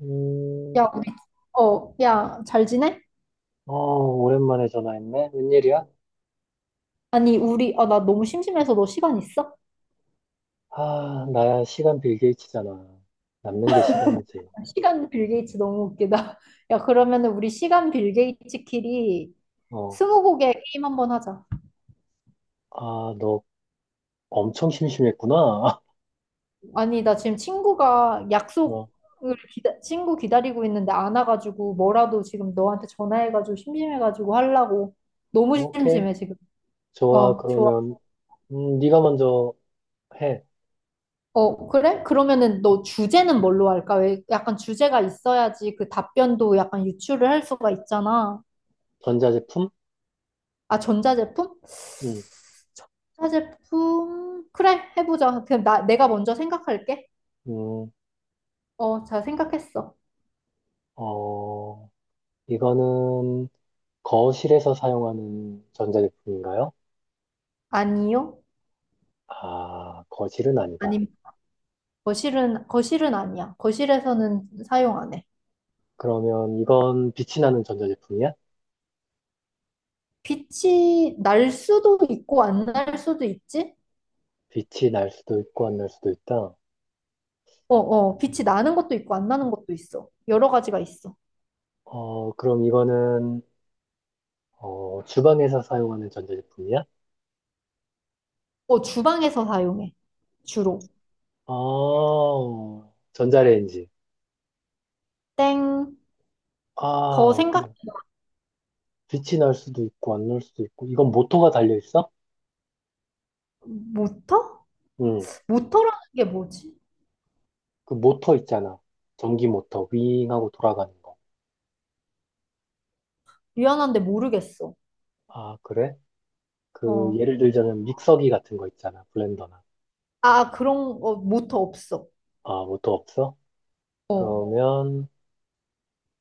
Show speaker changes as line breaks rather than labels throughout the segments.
음,
야, 야, 잘 지내?
어, 오랜만에 전화했네. 웬일이야?
아니, 나 너무 심심해서 너 시간 있어?
아, 나야 시간 빌 게이츠잖아. 남는 게 시간이지.
시간 빌 게이츠 너무 웃기다. 야, 그러면은 우리 시간 빌 게이츠끼리
어,
스무고개 게임 한번 하자.
아, 너 엄청 심심했구나.
아니, 나 지금 친구가 약속을
어,
친구 기다리고 있는데 안 와가지고 뭐라도 지금 너한테 전화해가지고 심심해가지고 하려고. 너무
오케이.
심심해, 지금.
좋아.
어, 좋아.
그러면, 네가 먼저 해.
어, 그래? 그러면은 너 주제는 뭘로 할까? 왜 약간 주제가 있어야지 그 답변도 약간 유추를 할 수가 있잖아.
전자제품?
아, 전자제품?
음,
전자제품? 그래, 해보자. 그럼 내가 먼저 생각할게.
음,
어, 잘 생각했어.
어, 이거는 거실에서 사용하는 전자제품인가요?
아니요?
아, 거실은 아니다.
아님, 거실은 아니야. 거실에서는 사용 안 해.
그러면 이건 빛이 나는 전자제품이야?
빛이 날 수도 있고, 안 날 수도 있지?
빛이 날 수도 있고 안 날 수도 있다.
어, 어, 빛이
음,
나는 것도 있고, 안 나는 것도 있어. 여러 가지가 있어.
어, 그럼 이거는, 어, 주방에서 사용하는 전자제품이야?
어, 주방에서 사용해, 주로.
아, 전자레인지.
땡. 더
아,
생각,
그럼. 빛이 날 수도 있고, 안 날 수도 있고. 이건 모터가 달려있어?
모터?
응.
모터라는 게 뭐지?
그 모터 있잖아. 전기 모터, 윙 하고 돌아가는 거.
미안한데 모르겠어.
아, 그래? 그,
어.
예를 들자면 믹서기 같은 거 있잖아. 블렌더나.
아, 그런, 거 모터 없어.
아, 모터 없어?
어.
그러면,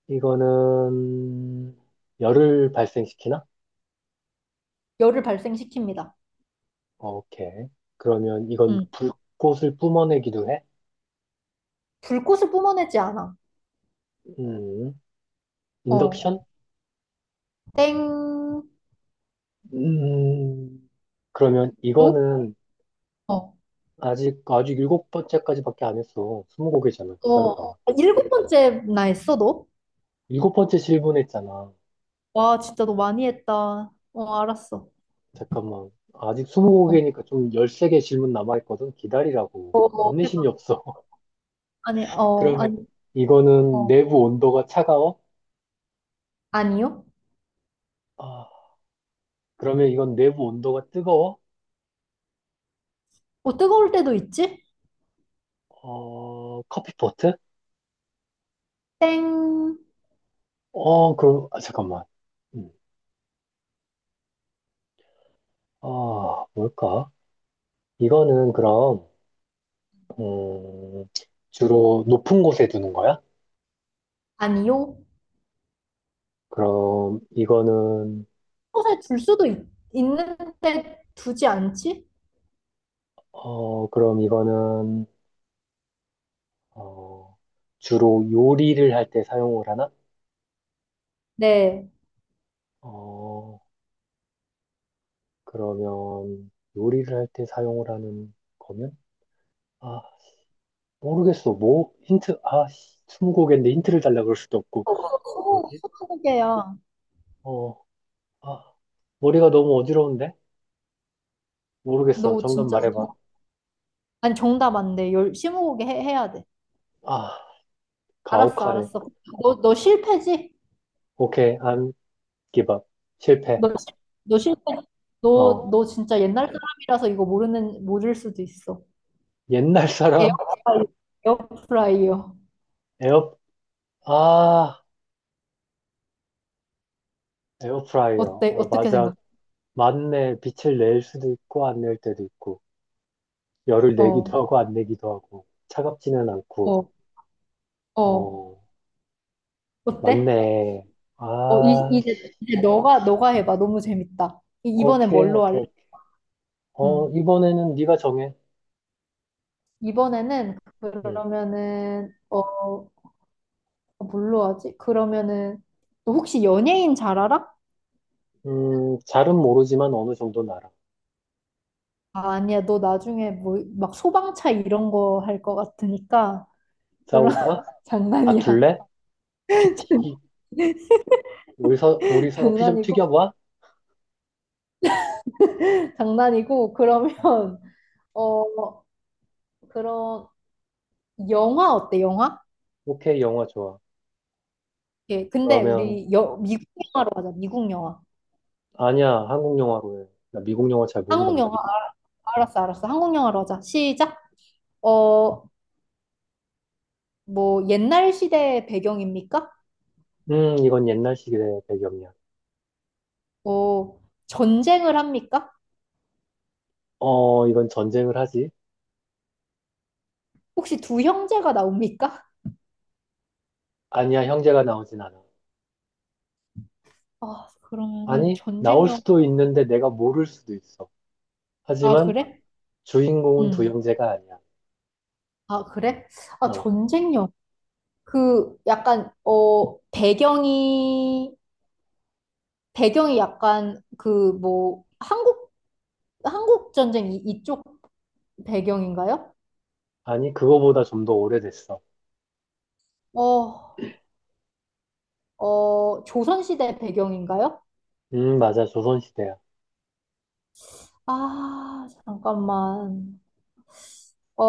이거는, 열을 발생시키나?
열을 발생시킵니다.
오케이. 그러면 이건
음.
불꽃을 뿜어내기도 해?
불꽃을 뿜어내지 않아.
음,
어.
인덕션?
땡.
음, 그러면
너?
이거는
어.
아직 일곱 번째까지밖에 안 했어. 20곡이잖아.
어.
기다려봐.
아, 7번째 나 했어, 너?
일곱 번째 질문했잖아.
와, 진짜 너 많이 했다. 어, 알았어.
잠깐만. 아직 스무
어.
곡이니까 좀 13개 질문 남아있거든. 기다리라고.
어, 어,
인내심이
해봐.
없어.
아니, 어, 아니,
그러면 이거는
어.
내부 온도가 차가워?
아니요?
아, 그러면 이건 내부 온도가 뜨거워?
어, 뜨거울 때도 있지?
어, 커피포트?
땡.
어, 그럼, 아, 잠깐만. 음, 아, 뭘까? 이거는 그럼, 음, 주로 높은 곳에 두는 거야?
아니요?
그럼 이거는,
곳에 둘 수도 있는데 두지 않지?
어, 그럼 이거는, 어, 주로 요리를 할 때 사용을 하나?
네.
어, 그러면 요리를 할 때 사용을 하는 거면? 아, 모르겠어. 뭐? 힌트, 아, 씨, 스무고개인데 힌트를 달라 그럴 수도 없고.
소
뭐지?
고개야
어, 아, 머리가 너무 어지러운데? 모르겠어.
너
정답
진짜
말해봐.
아니 정답 안 돼. 열 스무고개 해야 돼.
아,
알았어,
가혹하네.
알았어. 너 실패지?
오케이, 안 give up. 실패.
너, 실- 너 실패. 너,
어.
너 진짜 옛날 사람이라서 이거 모르는 모를 수도 있어.
옛날 사람?
에어프라이어. 에어프라이어.
에어, 아, 에어프라이어.
어때?
어,
어떻게
맞아.
생각해?
맞네. 빛을 낼 수도 있고, 안 낼 때도 있고. 열을
어,
내기도 하고, 안 내기도 하고. 차갑지는 않고.
어, 어.
어,
어때?
맞네.
어, 이,
아,
이제, 이제 너가 해봐. 너무 재밌다. 이번엔
오케이,
뭘로 할래?
오케이, 오케이. 어,
응.
이번에는 네가 정해.
이번에는
음,
그러면은 뭘로 하지? 그러면은 너 혹시 연예인 잘 알아?
잘은 모르지만 어느 정도 알아.
아, 아니야. 너 나중에 뭐 막 소방차 이런 거 할 것 같으니까 그런
싸울까?
장난이야.
다툴래? 피 튀기. 우리 서로 피 좀
장난이고
튀겨봐?
장난이고
어,
그러면 어 그런 영화 어때? 영화?
오케이, 영화 좋아.
예. 근데
그러면,
우리 미국 영화로 하자. 미국 영화.
아니야, 한국 영화로 해. 나 미국 영화 잘 모른단
한국 영화
말이야.
알- 알았어 알았어. 한국 영화로 하자. 시작. 어 뭐 옛날 시대 배경입니까?
이건 옛날 시대 배경이야.
어, 전쟁을 합니까?
어, 이건 전쟁을 하지?
혹시 두 형제가 나옵니까?
아니야, 형제가 나오진 않아.
아, 그러면은
아니,
전쟁
나올
영화.
수도 있는데 내가 모를 수도 있어.
아,
하지만
그래?
주인공은 두
응.
형제가 아니야.
아, 그래? 아,
어,
전쟁 영화. 그 약간 배경이 약간 그 뭐 한국 전쟁 이쪽 배경인가요?
아니, 그거보다 좀 더 오래됐어.
어, 조선시대 배경인가요?
맞아, 조선시대야.
아, 잠깐만. 어,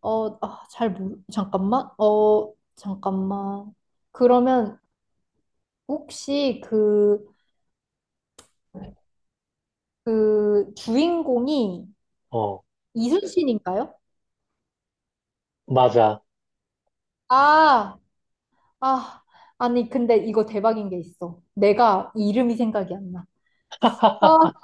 잠깐만. 어, 잠깐만. 그러면 혹시 그 주인공이
어,
이순신인가요?
맞아.
아, 아, 아니, 근데 이거 대박인 게 있어. 내가 이름이 생각이 안 나. 아,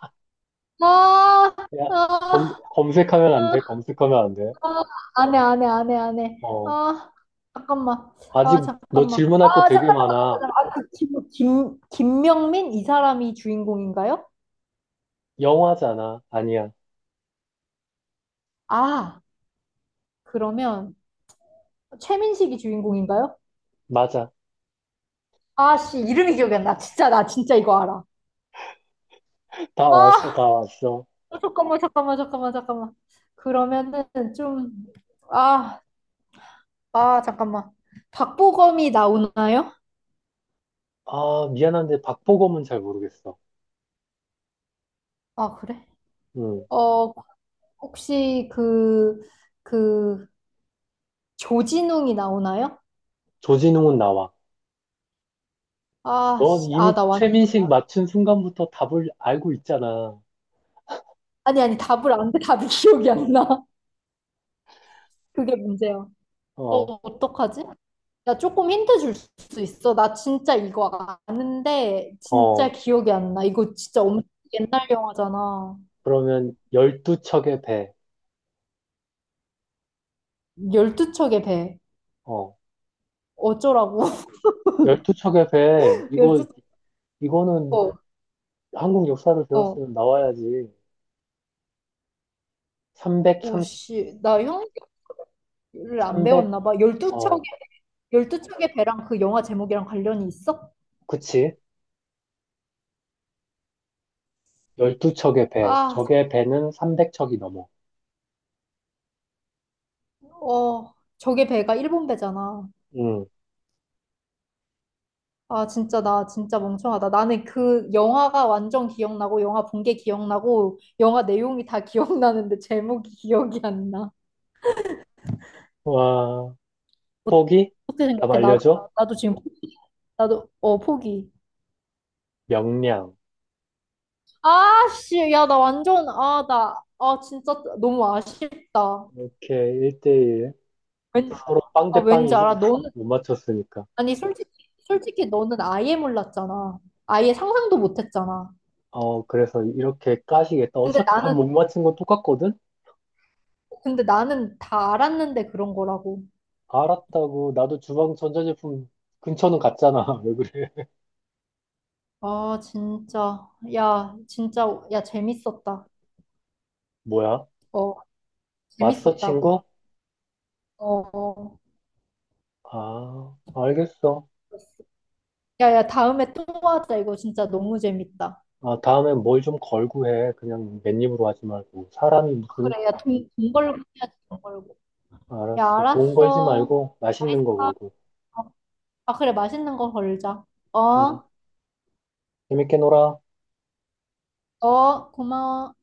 아, 아,
야, 검,
아,
검색하면 안 돼, 검색하면 안 돼.
아, 안 해, 안 해, 안 해, 안 해.
어,
아, 잠깐만. 아,
아직 너
잠깐만.
질문할 거
아,
되게
잠깐만, 잠깐만.
많아.
잠깐만. 아, 그 김명민? 이 사람이 주인공인가요?
영화잖아. 아니야,
아. 그러면 최민식이 주인공인가요?
맞아.
아씨 이름이 기억이 안 나. 진짜 나 진짜 이거 알아.
다 왔어, 다
아
왔어.
잠깐만 잠깐만 잠깐만 잠깐만. 그러면은 좀 아 잠깐만. 박보검이 나오나요?
아, 미안한데 박보검은 잘 모르겠어.
아 그래?
응.
어 혹시 그 조진웅이 나오나요?
조진웅은 나와. 넌
아씨아
이미
나 완
최민식 맞춘 순간부터 답을 알고 있잖아.
아니 아니 답을 안 돼. 답이 기억이 안 나. 그게 문제야.
어,
어떡하지? 야, 조금 힌트 줄 수 있어? 나 진짜 이거 아는데, 진짜
어.
기억이 안 나. 이거 진짜 엄청 옛날 영화잖아.
그러면 12척의 배.
열두 척의 배.
어.
어쩌라고?
12척의 배. 이거,
열두
이거는
척.
한국 역사를
어.
배웠으면 나와야지. 삼백 삼십
오씨. 나 형을 안
삼백
배웠나 봐. 열두 척의,
어.
열두 척의 배랑 그 영화 제목이랑 관련이 있어?
그치. 열두 척의 배.
아,
적의 배는 300척이 넘어.
어. 저게 배가 일본 배잖아.
응.
아, 진짜, 나 진짜 멍청하다. 나는 그 영화가 완전 기억나고, 영화 본 게 기억나고, 영화 내용이 다 기억나는데, 제목이 기억이 안 나.
와,
어-
포기?
어떻게
답
생각해? 나,
알려줘?
나도 지금, 포기. 나도, 어, 포기.
명량.
아, 씨, 야, 나 완전, 아, 진짜 너무 아쉽다.
이렇게 1대1
왠,
서로 빵 대
왠지 알아.
빵이지.
너는,
못 맞췄으니까.
아니, 솔직히, 솔직히 너는 아예 몰랐잖아. 아예 상상도 못 했잖아.
어, 그래서 이렇게 까시겠다.
근데
어차피 다
나는,
못 맞힌 건 똑같거든?
근데 나는 다 알았는데 그런 거라고.
알았다고. 나도 주방 전자제품 근처는 갔잖아. 왜 그래?
아, 진짜. 야, 진짜. 야, 재밌었다.
뭐야?
어,
왔어,
재밌었다고.
친구?
어. 어.
아, 알겠어.
야, 야, 다음에 또 하자. 이거 진짜 너무 재밌다.
아, 다음엔 뭘 좀 걸고 해. 그냥 맨입으로 하지 말고. 사람이
아,
무슨,
그래, 야, 돈 걸고 해야지, 돈 걸고. 야,
알았어. 돈 걸지
알았어.
말고 맛있는 거
아,
걸고.
어. 아, 그래, 맛있는 거 걸자.
응,
어?
재밌게 놀아.
어, 고마워.